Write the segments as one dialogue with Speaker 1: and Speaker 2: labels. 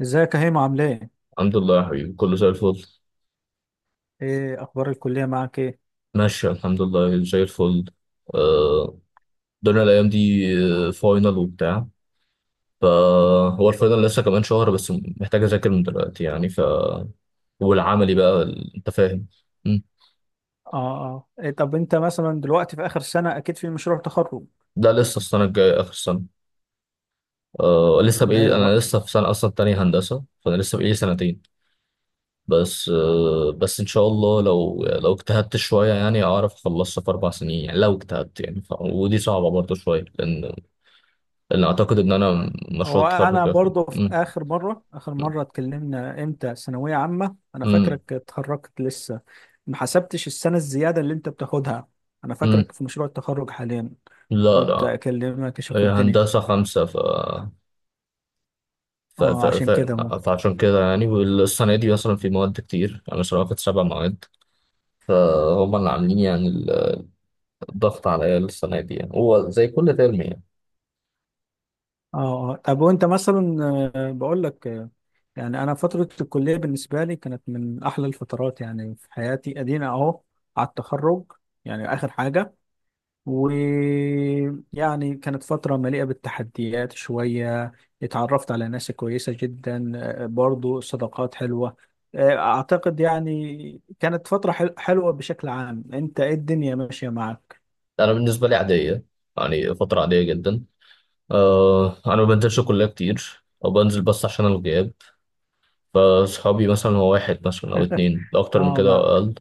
Speaker 1: ازيك يا هيما عامل ايه؟
Speaker 2: الحمد لله يا حبيبي، كله زي الفل.
Speaker 1: ايه اخبار الكلية معاك ايه؟
Speaker 2: ماشي الحمد لله زي الفل. آه، الدنيا الأيام دي. فاينل وبتاع. فهو الفاينل لسه كمان شهر بس، محتاج أذاكر من دلوقتي يعني والعملي بقى أنت فاهم. مم.
Speaker 1: اه اه. إيه طب انت مثلا دلوقتي في اخر سنة اكيد في مشروع تخرج؟
Speaker 2: ده لسه السنة الجاية، آخر السنة. آه، لسه
Speaker 1: لا
Speaker 2: بقالي،
Speaker 1: يا
Speaker 2: أنا
Speaker 1: رأي.
Speaker 2: لسه في سنة أصلا تانية هندسة، فأنا لسه بقالي سنتين. بس إن شاء الله، لو اجتهدت شوية يعني أعرف أخلصها في أربع سنين، يعني لو اجتهدت يعني ودي صعبة برضه شوية، لأن أعتقد إن أنا مشروع
Speaker 1: هو انا
Speaker 2: التخرج هياخد-.
Speaker 1: برضه في
Speaker 2: مم.
Speaker 1: اخر مرة اتكلمنا امتى ثانوية عامة، انا
Speaker 2: مم.
Speaker 1: فاكرك اتخرجت لسه، ما حسبتش السنة الزيادة اللي انت بتاخدها، انا
Speaker 2: مم.
Speaker 1: فاكرك في مشروع التخرج حاليا.
Speaker 2: لا
Speaker 1: قلت
Speaker 2: لا،
Speaker 1: اكلمك اشوف
Speaker 2: هي
Speaker 1: الدنيا.
Speaker 2: هندسة خمسة ف... ف...
Speaker 1: اه
Speaker 2: ف...
Speaker 1: عشان كده.
Speaker 2: فعشان كده يعني، والسنة دي مثلا في مواد كتير، أنا مثلا واخد سبع مواد، فهم اللي عاملين يعني الضغط عليا السنة دي، يعني هو زي كل ترم يعني.
Speaker 1: اه. طب وانت مثلا بقول لك، يعني انا فتره الكليه بالنسبه لي كانت من احلى الفترات يعني في حياتي، ادينا اهو على التخرج، يعني اخر حاجه. ويعني كانت فتره مليئه بالتحديات شويه، اتعرفت على ناس كويسه جدا، برضو صداقات حلوه. اعتقد يعني كانت فتره حلوه بشكل عام. انت ايه الدنيا ماشيه معك؟
Speaker 2: أنا بالنسبة لي عادية، يعني فترة عادية جدا. أه، أنا ما بنزلش كلية كتير، أو بنزل بس عشان الغياب. فصحابي مثلا هو واحد مثلا أو اتنين، لو أكتر من
Speaker 1: اه
Speaker 2: كده أو
Speaker 1: معك.
Speaker 2: أقل.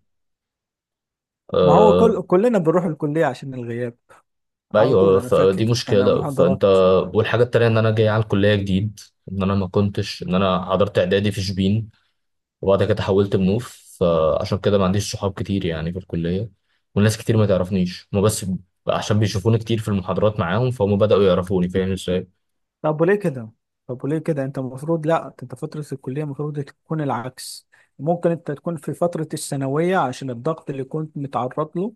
Speaker 1: ما هو كل
Speaker 2: آه،
Speaker 1: كلنا بنروح الكليه عشان الغياب، على طول
Speaker 2: ايوه،
Speaker 1: انا فاكر.
Speaker 2: فدي
Speaker 1: انا
Speaker 2: مشكله فانت.
Speaker 1: محاضرات.
Speaker 2: والحاجه التانيه ان انا جاي على الكليه جديد، ان انا ما كنتش، ان انا حضرت اعدادي في شبين، وبعد كده حولت منوف، فعشان كده ما عنديش صحاب كتير يعني في الكليه. والناس كتير ما تعرفنيش هما، بس عشان بيشوفوني كتير في المحاضرات معاهم فهم بداوا يعرفوني، فاهم ازاي؟
Speaker 1: طب وليه كده؟ انت المفروض، لا انت فترة الكلية المفروض تكون العكس. ممكن انت تكون في فترة الثانوية عشان الضغط اللي كنت متعرض له،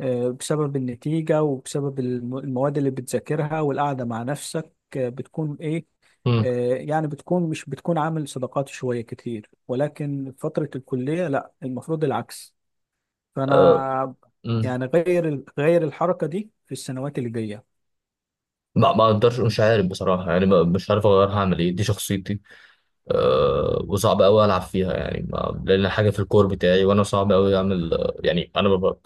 Speaker 1: بسبب النتيجة وبسبب المواد اللي بتذاكرها والقعدة مع نفسك، بتكون ايه،
Speaker 2: مم.
Speaker 1: يعني بتكون مش بتكون عامل صداقات شوية كتير. ولكن فترة الكلية لا، المفروض العكس.
Speaker 2: أه.
Speaker 1: فانا
Speaker 2: مم.
Speaker 1: يعني غير الحركة دي في السنوات اللي جاية.
Speaker 2: ما اقدرش، مش عارف بصراحه يعني مش عارف اغيرها، هعمل ايه؟ دي شخصيتي. أه، وصعب قوي العب فيها يعني، ما لان حاجه في الكور بتاعي، وانا صعب قوي اعمل يعني، انا ببقى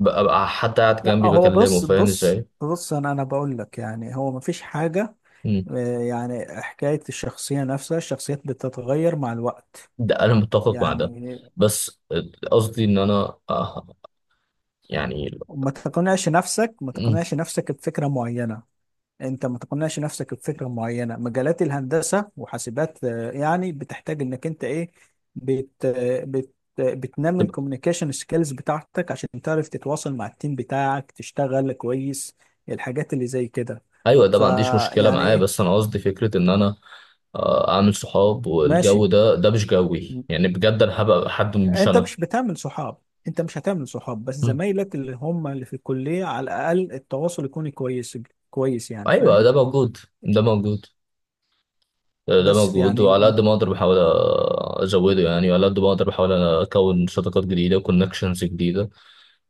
Speaker 2: ببقى حتى قاعد
Speaker 1: لا
Speaker 2: جنبي
Speaker 1: هو
Speaker 2: بكلمه،
Speaker 1: بص
Speaker 2: فاهم
Speaker 1: بص
Speaker 2: ازاي؟
Speaker 1: بص. انا بقول لك يعني هو مفيش حاجه،
Speaker 2: مم.
Speaker 1: يعني حكايه الشخصيه نفسها، الشخصيات بتتغير مع الوقت،
Speaker 2: ده انا متفق مع ده.
Speaker 1: يعني
Speaker 2: بس قصدي ان انا يعني.
Speaker 1: ما
Speaker 2: مم.
Speaker 1: تقنعش نفسك بفكره معينه. انت ما تقنعش نفسك بفكره معينه. مجالات الهندسه وحاسبات، يعني بتحتاج انك انت ايه، بت آه، بت بتنمي
Speaker 2: طب-
Speaker 1: الكوميونيكيشن سكيلز بتاعتك عشان تعرف تتواصل مع التيم بتاعك تشتغل كويس، الحاجات اللي زي كده.
Speaker 2: ايوه، ده ما عنديش مشكله
Speaker 1: فيعني
Speaker 2: معاه،
Speaker 1: ايه.
Speaker 2: بس انا قصدي فكره ان انا اعمل صحاب، والجو
Speaker 1: ماشي.
Speaker 2: ده مش جوي يعني، بجد انا هبقى حد مش
Speaker 1: انت
Speaker 2: انا.
Speaker 1: مش بتعمل صحاب. انت مش هتعمل صحاب بس
Speaker 2: مم.
Speaker 1: زمايلك اللي هم اللي في الكلية على الاقل التواصل يكون كويس، كويس يعني،
Speaker 2: ايوه،
Speaker 1: فاهم.
Speaker 2: ده موجود، ده موجود، ده
Speaker 1: بس
Speaker 2: موجود،
Speaker 1: يعني
Speaker 2: وعلى قد ما اقدر بحاول ازوده يعني، وعلى قد ما اقدر بحاول اكون صداقات جديده وكونكشنز جديده،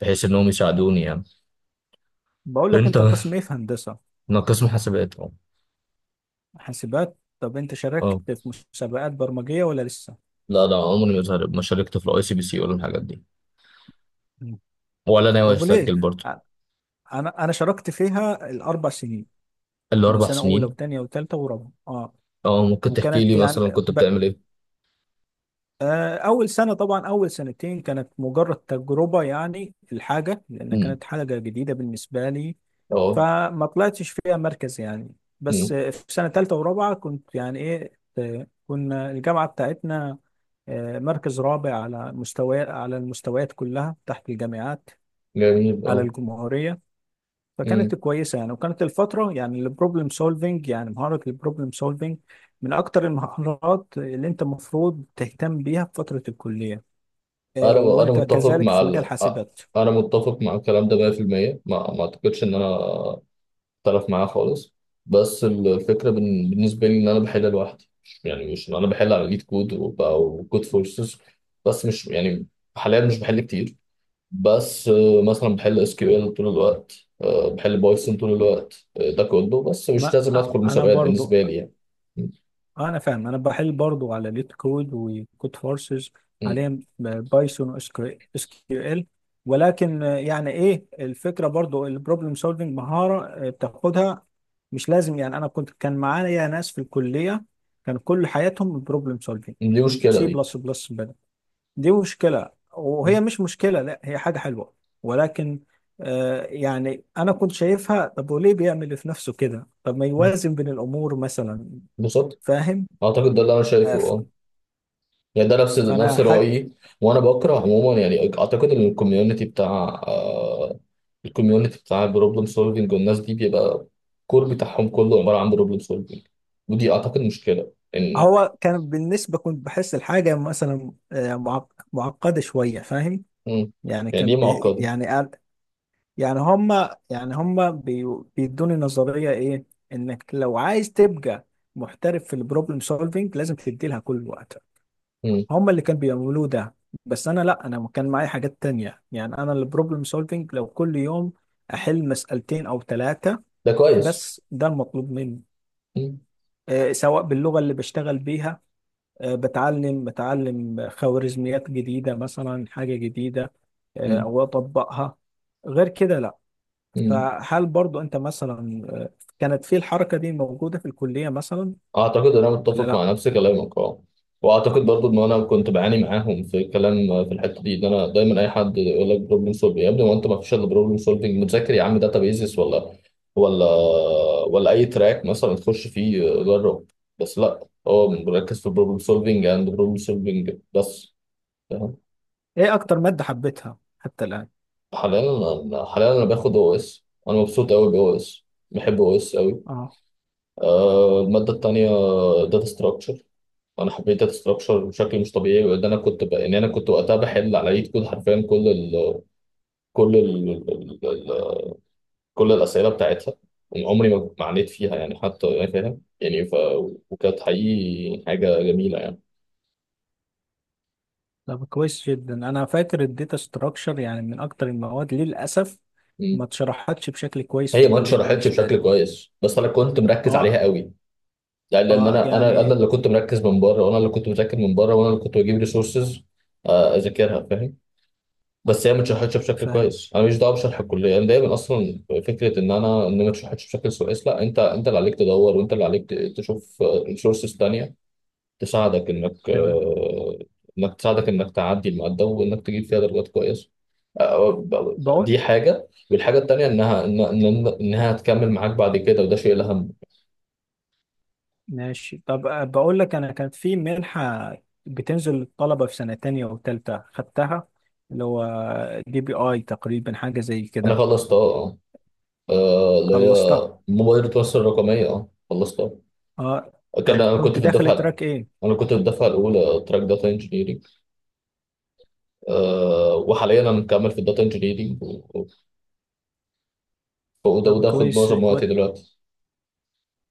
Speaker 2: بحيث انهم يساعدوني يعني.
Speaker 1: بقول لك،
Speaker 2: انت
Speaker 1: انت قسم ايه في هندسة؟
Speaker 2: انا قسم حاسبات.
Speaker 1: حاسبات. طب انت
Speaker 2: اه.
Speaker 1: شاركت في مسابقات برمجية ولا لسه؟
Speaker 2: لا، ده عمري ما زهرب، ما شاركت في الاي سي بي سي ولا الحاجات دي،
Speaker 1: مم.
Speaker 2: ولا ناوي
Speaker 1: طب وليه؟
Speaker 2: اسجل برضه.
Speaker 1: ع- انا شاركت فيها الاربع سنين،
Speaker 2: اللي
Speaker 1: من
Speaker 2: اربع
Speaker 1: سنة اولى
Speaker 2: سنين.
Speaker 1: وثانية وثالثة ورابعة. اه.
Speaker 2: اه، ممكن تحكي
Speaker 1: وكانت
Speaker 2: لي
Speaker 1: يعني
Speaker 2: مثلا كنت بتعمل ايه؟
Speaker 1: أول سنة طبعا، أول سنتين كانت مجرد تجربة يعني الحاجة، لأن
Speaker 2: امم.
Speaker 1: كانت حاجة جديدة بالنسبة لي،
Speaker 2: اه.
Speaker 1: فما طلعتش فيها مركز يعني. بس
Speaker 2: امم.
Speaker 1: في سنة تالتة ورابعة كنت يعني إيه، كنا الجامعة بتاعتنا، مركز رابع على مستوى على المستويات كلها تحت الجامعات،
Speaker 2: جميل
Speaker 1: على
Speaker 2: اه.
Speaker 1: الجمهورية. فكانت
Speaker 2: امم.
Speaker 1: كويسة يعني، وكانت الفترة يعني البروبلم سولفينج، يعني مهارة البروبلم سولفينج من أكتر المهارات اللي أنت المفروض تهتم بيها في فترة الكلية،
Speaker 2: انا
Speaker 1: وانت
Speaker 2: متفق
Speaker 1: كذلك
Speaker 2: مع
Speaker 1: في مجال حاسبات.
Speaker 2: انا متفق مع الكلام ده 100%، ما اعتقدش ان انا اختلف معاه خالص. بس الفكره بالنسبه لي ان انا بحل لوحدي، يعني مش ان انا بحل على ليد كود وكود فورسز، بس مش يعني. حاليا مش بحل كتير. بس مثلا بحل اس كيو ال طول الوقت، بحل بايثون طول الوقت، ده كله، بس مش
Speaker 1: ما
Speaker 2: لازم ادخل
Speaker 1: انا
Speaker 2: مسابقات
Speaker 1: برضو،
Speaker 2: بالنسبه لي يعني. م-
Speaker 1: انا فاهم، انا بحل برضو على ليت كود وكود فورسز،
Speaker 2: م-
Speaker 1: حاليا بايثون، SQL. ولكن يعني ايه الفكره، برضو البروبلم سولفنج مهاره بتاخدها، مش لازم. يعني انا كان معايا ناس في الكليه كان كل حياتهم بروبلم سولفنج،
Speaker 2: دي مشكله
Speaker 1: سي
Speaker 2: دي.
Speaker 1: بلس بلس دي مشكلة،
Speaker 2: م-
Speaker 1: وهي مش مشكلة، لا هي حاجة حلوة، ولكن يعني أنا كنت شايفها، طب وليه بيعمل في نفسه كده؟ طب ما
Speaker 2: م.
Speaker 1: يوازن بين الأمور مثلا،
Speaker 2: بالظبط.
Speaker 1: فاهم؟
Speaker 2: اعتقد ده اللي انا
Speaker 1: آه
Speaker 2: شايفه
Speaker 1: ف-
Speaker 2: اه، يعني ده نفس
Speaker 1: فأنا
Speaker 2: نفس
Speaker 1: حاجة،
Speaker 2: رايي. وانا بكره عموما يعني اعتقد ان الكوميونتي بتاع، البروبلم سولفنج والناس دي، بيبقى الكور بتاعهم كله عباره عن بروبلم سولفنج، ودي اعتقد مشكله ان.
Speaker 1: هو كان بالنسبة كنت بحس الحاجة مثلا معقدة شوية فاهم.
Speaker 2: م.
Speaker 1: يعني
Speaker 2: يعني دي
Speaker 1: كان بي،
Speaker 2: معقده.
Speaker 1: يعني يعني هما، يعني هما بيدوني نظرية إيه، إنك لو عايز تبقى محترف في البروبلم سولفينج لازم تدي لها كل الوقت.
Speaker 2: م.
Speaker 1: هم اللي كانوا بيعملوه ده. بس انا لا، انا كان معايا حاجات تانية، يعني انا البروبلم سولفينج لو كل يوم احل مسألتين او ثلاثة
Speaker 2: ده كويس.
Speaker 1: بس ده المطلوب مني،
Speaker 2: م.
Speaker 1: سواء باللغة اللي بشتغل بيها، بتعلم خوارزميات جديدة، مثلا حاجة جديدة،
Speaker 2: م.
Speaker 1: او اطبقها، غير كده لا.
Speaker 2: مم.
Speaker 1: فهل برضو انت مثلا، كانت في الحركة دي موجودة في الكلية مثلا
Speaker 2: اعتقد انا
Speaker 1: ولا
Speaker 2: متفق
Speaker 1: لا؟
Speaker 2: مع نفس كلامك اه، واعتقد برضو ان انا كنت بعاني معاهم في الكلام، في الحته دي ان انا دايما، اي حد يقول لك بروبلم سولفنج يا ابني، ما انت ما فيش الا بروبلم سولفنج، متذاكر يا عم داتا بيزس ولا ولا ولا اي تراك مثلا تخش فيه، جرب. بس لا، هو مركز في البروبلم سولفنج اند بروبلم سولفنج بس، فاهم؟
Speaker 1: ايه اكتر مادة حبيتها حتى
Speaker 2: حاليا. انا حاليا انا باخد او اس، انا مبسوط قوي باو اس، بحب او اس قوي.
Speaker 1: الآن؟
Speaker 2: الماده التانيه داتا ستراكشر. انا حبيت داتا ستراكشر بشكل مش طبيعي، وان انا كنت ان انا كنت وقتها بحل على ايد كود حرفيا، كل كل ال... ال... ال... كل الاسئله بتاعتها. عمري ما عانيت فيها يعني حتى يعني فاهم يعني وكانت حقيقي حاجه جميله يعني.
Speaker 1: طب كويس جدا. انا فاكر الداتا ستراكشر يعني من اكتر المواد للاسف ما
Speaker 2: مم.
Speaker 1: اتشرحتش بشكل كويس في
Speaker 2: هي ما
Speaker 1: الكليه
Speaker 2: اتشرحتش
Speaker 1: بالنسبه
Speaker 2: بشكل
Speaker 1: لي.
Speaker 2: كويس، بس انا كنت مركز عليها
Speaker 1: اه.
Speaker 2: قوي يعني، لان
Speaker 1: اه
Speaker 2: انا
Speaker 1: يعني
Speaker 2: اللي كنت مركز من بره، وانا اللي كنت مذاكر من بره، وانا اللي كنت بجيب ريسورسز اذاكرها، فاهم؟ بس هي ما اتشرحتش بشكل
Speaker 1: فاهم،
Speaker 2: كويس، انا مش دعوه بشرح الكليه، انا دايما اصلا فكره ان ما اتشرحتش بشكل كويس، لا، انت اللي عليك تدور، وانت اللي عليك تشوف ريسورسز تانية تساعدك انك
Speaker 1: تمام،
Speaker 2: تعدي الماده، وانك تجيب فيها درجات كويسه. آه،
Speaker 1: بقول،
Speaker 2: دي حاجه، والحاجه التانية انها انها هتكمل معاك بعد كده، وده شيء الاهم.
Speaker 1: ماشي. طب بقول لك، انا كانت في منحه بتنزل للطلبه في سنه تانية وتالتة، خدتها، اللي هو DEPI تقريبا، حاجه زي
Speaker 2: انا
Speaker 1: كده،
Speaker 2: خلصت اه، اللي هي
Speaker 1: خلصتها.
Speaker 2: موبايل التواصل الرقميه اه خلصتها.
Speaker 1: اه.
Speaker 2: كان
Speaker 1: طب
Speaker 2: انا كنت
Speaker 1: كنت
Speaker 2: في
Speaker 1: داخل
Speaker 2: الدفعه
Speaker 1: تراك ايه؟
Speaker 2: انا كنت في الدفعه الاولى تراك داتا انجينيرنج. أه وحاليا انا مكمل في الداتا انجينيرنج، وده
Speaker 1: طب
Speaker 2: وده خد
Speaker 1: كويس.
Speaker 2: معظم وقتي دلوقتي.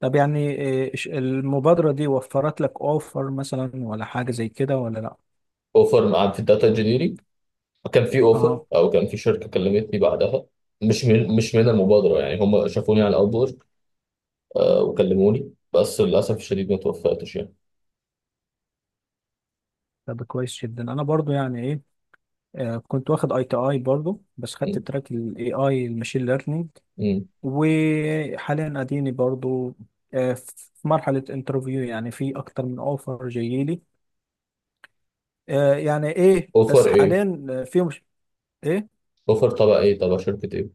Speaker 1: طب يعني إيه، المبادرة دي وفرت لك اوفر مثلا ولا حاجة زي كده ولا لا؟
Speaker 2: اوفر عن في الداتا انجينيرنج، كان في اوفر،
Speaker 1: اه.
Speaker 2: او كان في شركه كلمتني بعدها، مش من المبادره يعني، هم شافوني على الاوبورك. أه وكلموني، بس للاسف الشديد ما توفقتش يعني.
Speaker 1: طب كويس جدا. انا برضو يعني ايه، كنت واخد ITI برضو، بس خدت
Speaker 2: مم.
Speaker 1: تراك الAI الماشين ليرنينج،
Speaker 2: مم.
Speaker 1: وحاليا اديني برضو في مرحلة انترفيو، يعني في اكتر من اوفر جايلي، يعني ايه،
Speaker 2: اوفر
Speaker 1: بس
Speaker 2: ايه؟
Speaker 1: حاليا في مش، ايه،
Speaker 2: اوفر تبع ايه؟ تبع شركه ايه؟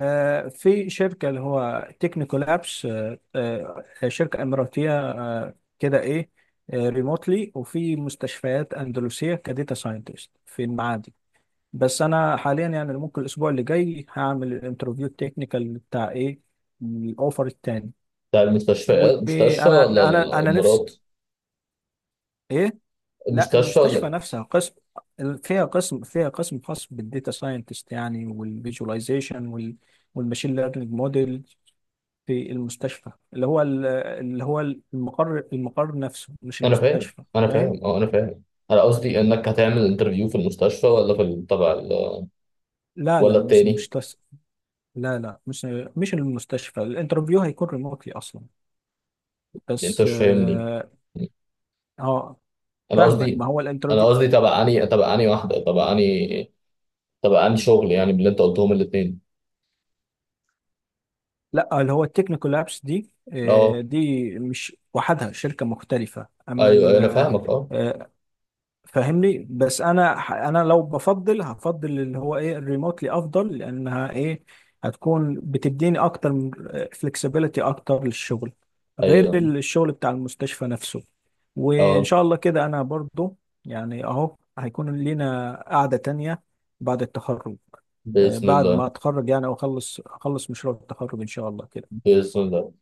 Speaker 1: في شركة اللي هو تكنيكال ابس، شركة إماراتية، كده إيه، ريموتلي، وفي مستشفيات أندلسية كديتا ساينتست في المعادي. بس أنا حاليا يعني ممكن الأسبوع اللي جاي هعمل الانترفيو التكنيكال بتاع إيه، الأوفر التاني.
Speaker 2: بتاع المستشفيات، مستشفى
Speaker 1: وأنا،
Speaker 2: ولا
Speaker 1: أنا نفسي
Speaker 2: الامارات؟
Speaker 1: إيه، لا
Speaker 2: المستشفى
Speaker 1: المستشفى
Speaker 2: ولا؟
Speaker 1: نفسها قسم، فيها قسم خاص بالديتا ساينتست يعني، والفيجواليزيشن، وال والماشين ليرنينج موديل، في المستشفى اللي هو المقر، نفسه مش
Speaker 2: انا فاهم
Speaker 1: المستشفى،
Speaker 2: انا
Speaker 1: فاهم؟
Speaker 2: فاهم اه، انا فاهم. انا قصدي انك هتعمل انترفيو في المستشفى، ولا في تبع،
Speaker 1: لا
Speaker 2: ولا
Speaker 1: لا، مش
Speaker 2: التاني؟
Speaker 1: المستشفى. لا لا، مش المستشفى، الانترفيو هيكون ريموتلي اصلا،
Speaker 2: انت
Speaker 1: بس
Speaker 2: مش فاهمني.
Speaker 1: اه آه،
Speaker 2: انا
Speaker 1: فاهمك،
Speaker 2: قصدي
Speaker 1: ما هو
Speaker 2: انا
Speaker 1: الانترفيو
Speaker 2: قصدي تبع اني واحده، تبع اني شغل، يعني باللي انت قلتهم الاثنين.
Speaker 1: لا اللي هو التكنيكال لابس دي،
Speaker 2: اه.
Speaker 1: دي مش وحدها، شركة مختلفة.
Speaker 2: ايوه
Speaker 1: اما
Speaker 2: أيوة، انا فاهمك اه.
Speaker 1: فاهمني، بس انا انا لو بفضل، هفضل اللي هو ايه الريموتلي افضل، لانها ايه هتكون بتديني اكتر من فلكسبيليتي اكتر للشغل، غير
Speaker 2: ايوه
Speaker 1: الشغل بتاع المستشفى نفسه. وان
Speaker 2: اه.
Speaker 1: شاء الله كده انا برضو يعني اهو هيكون لينا قعدة تانية بعد التخرج،
Speaker 2: باذن
Speaker 1: بعد
Speaker 2: الله.
Speaker 1: ما اتخرج يعني، واخلص، مشروع التخرج ان شاء الله كده.
Speaker 2: باذن الله.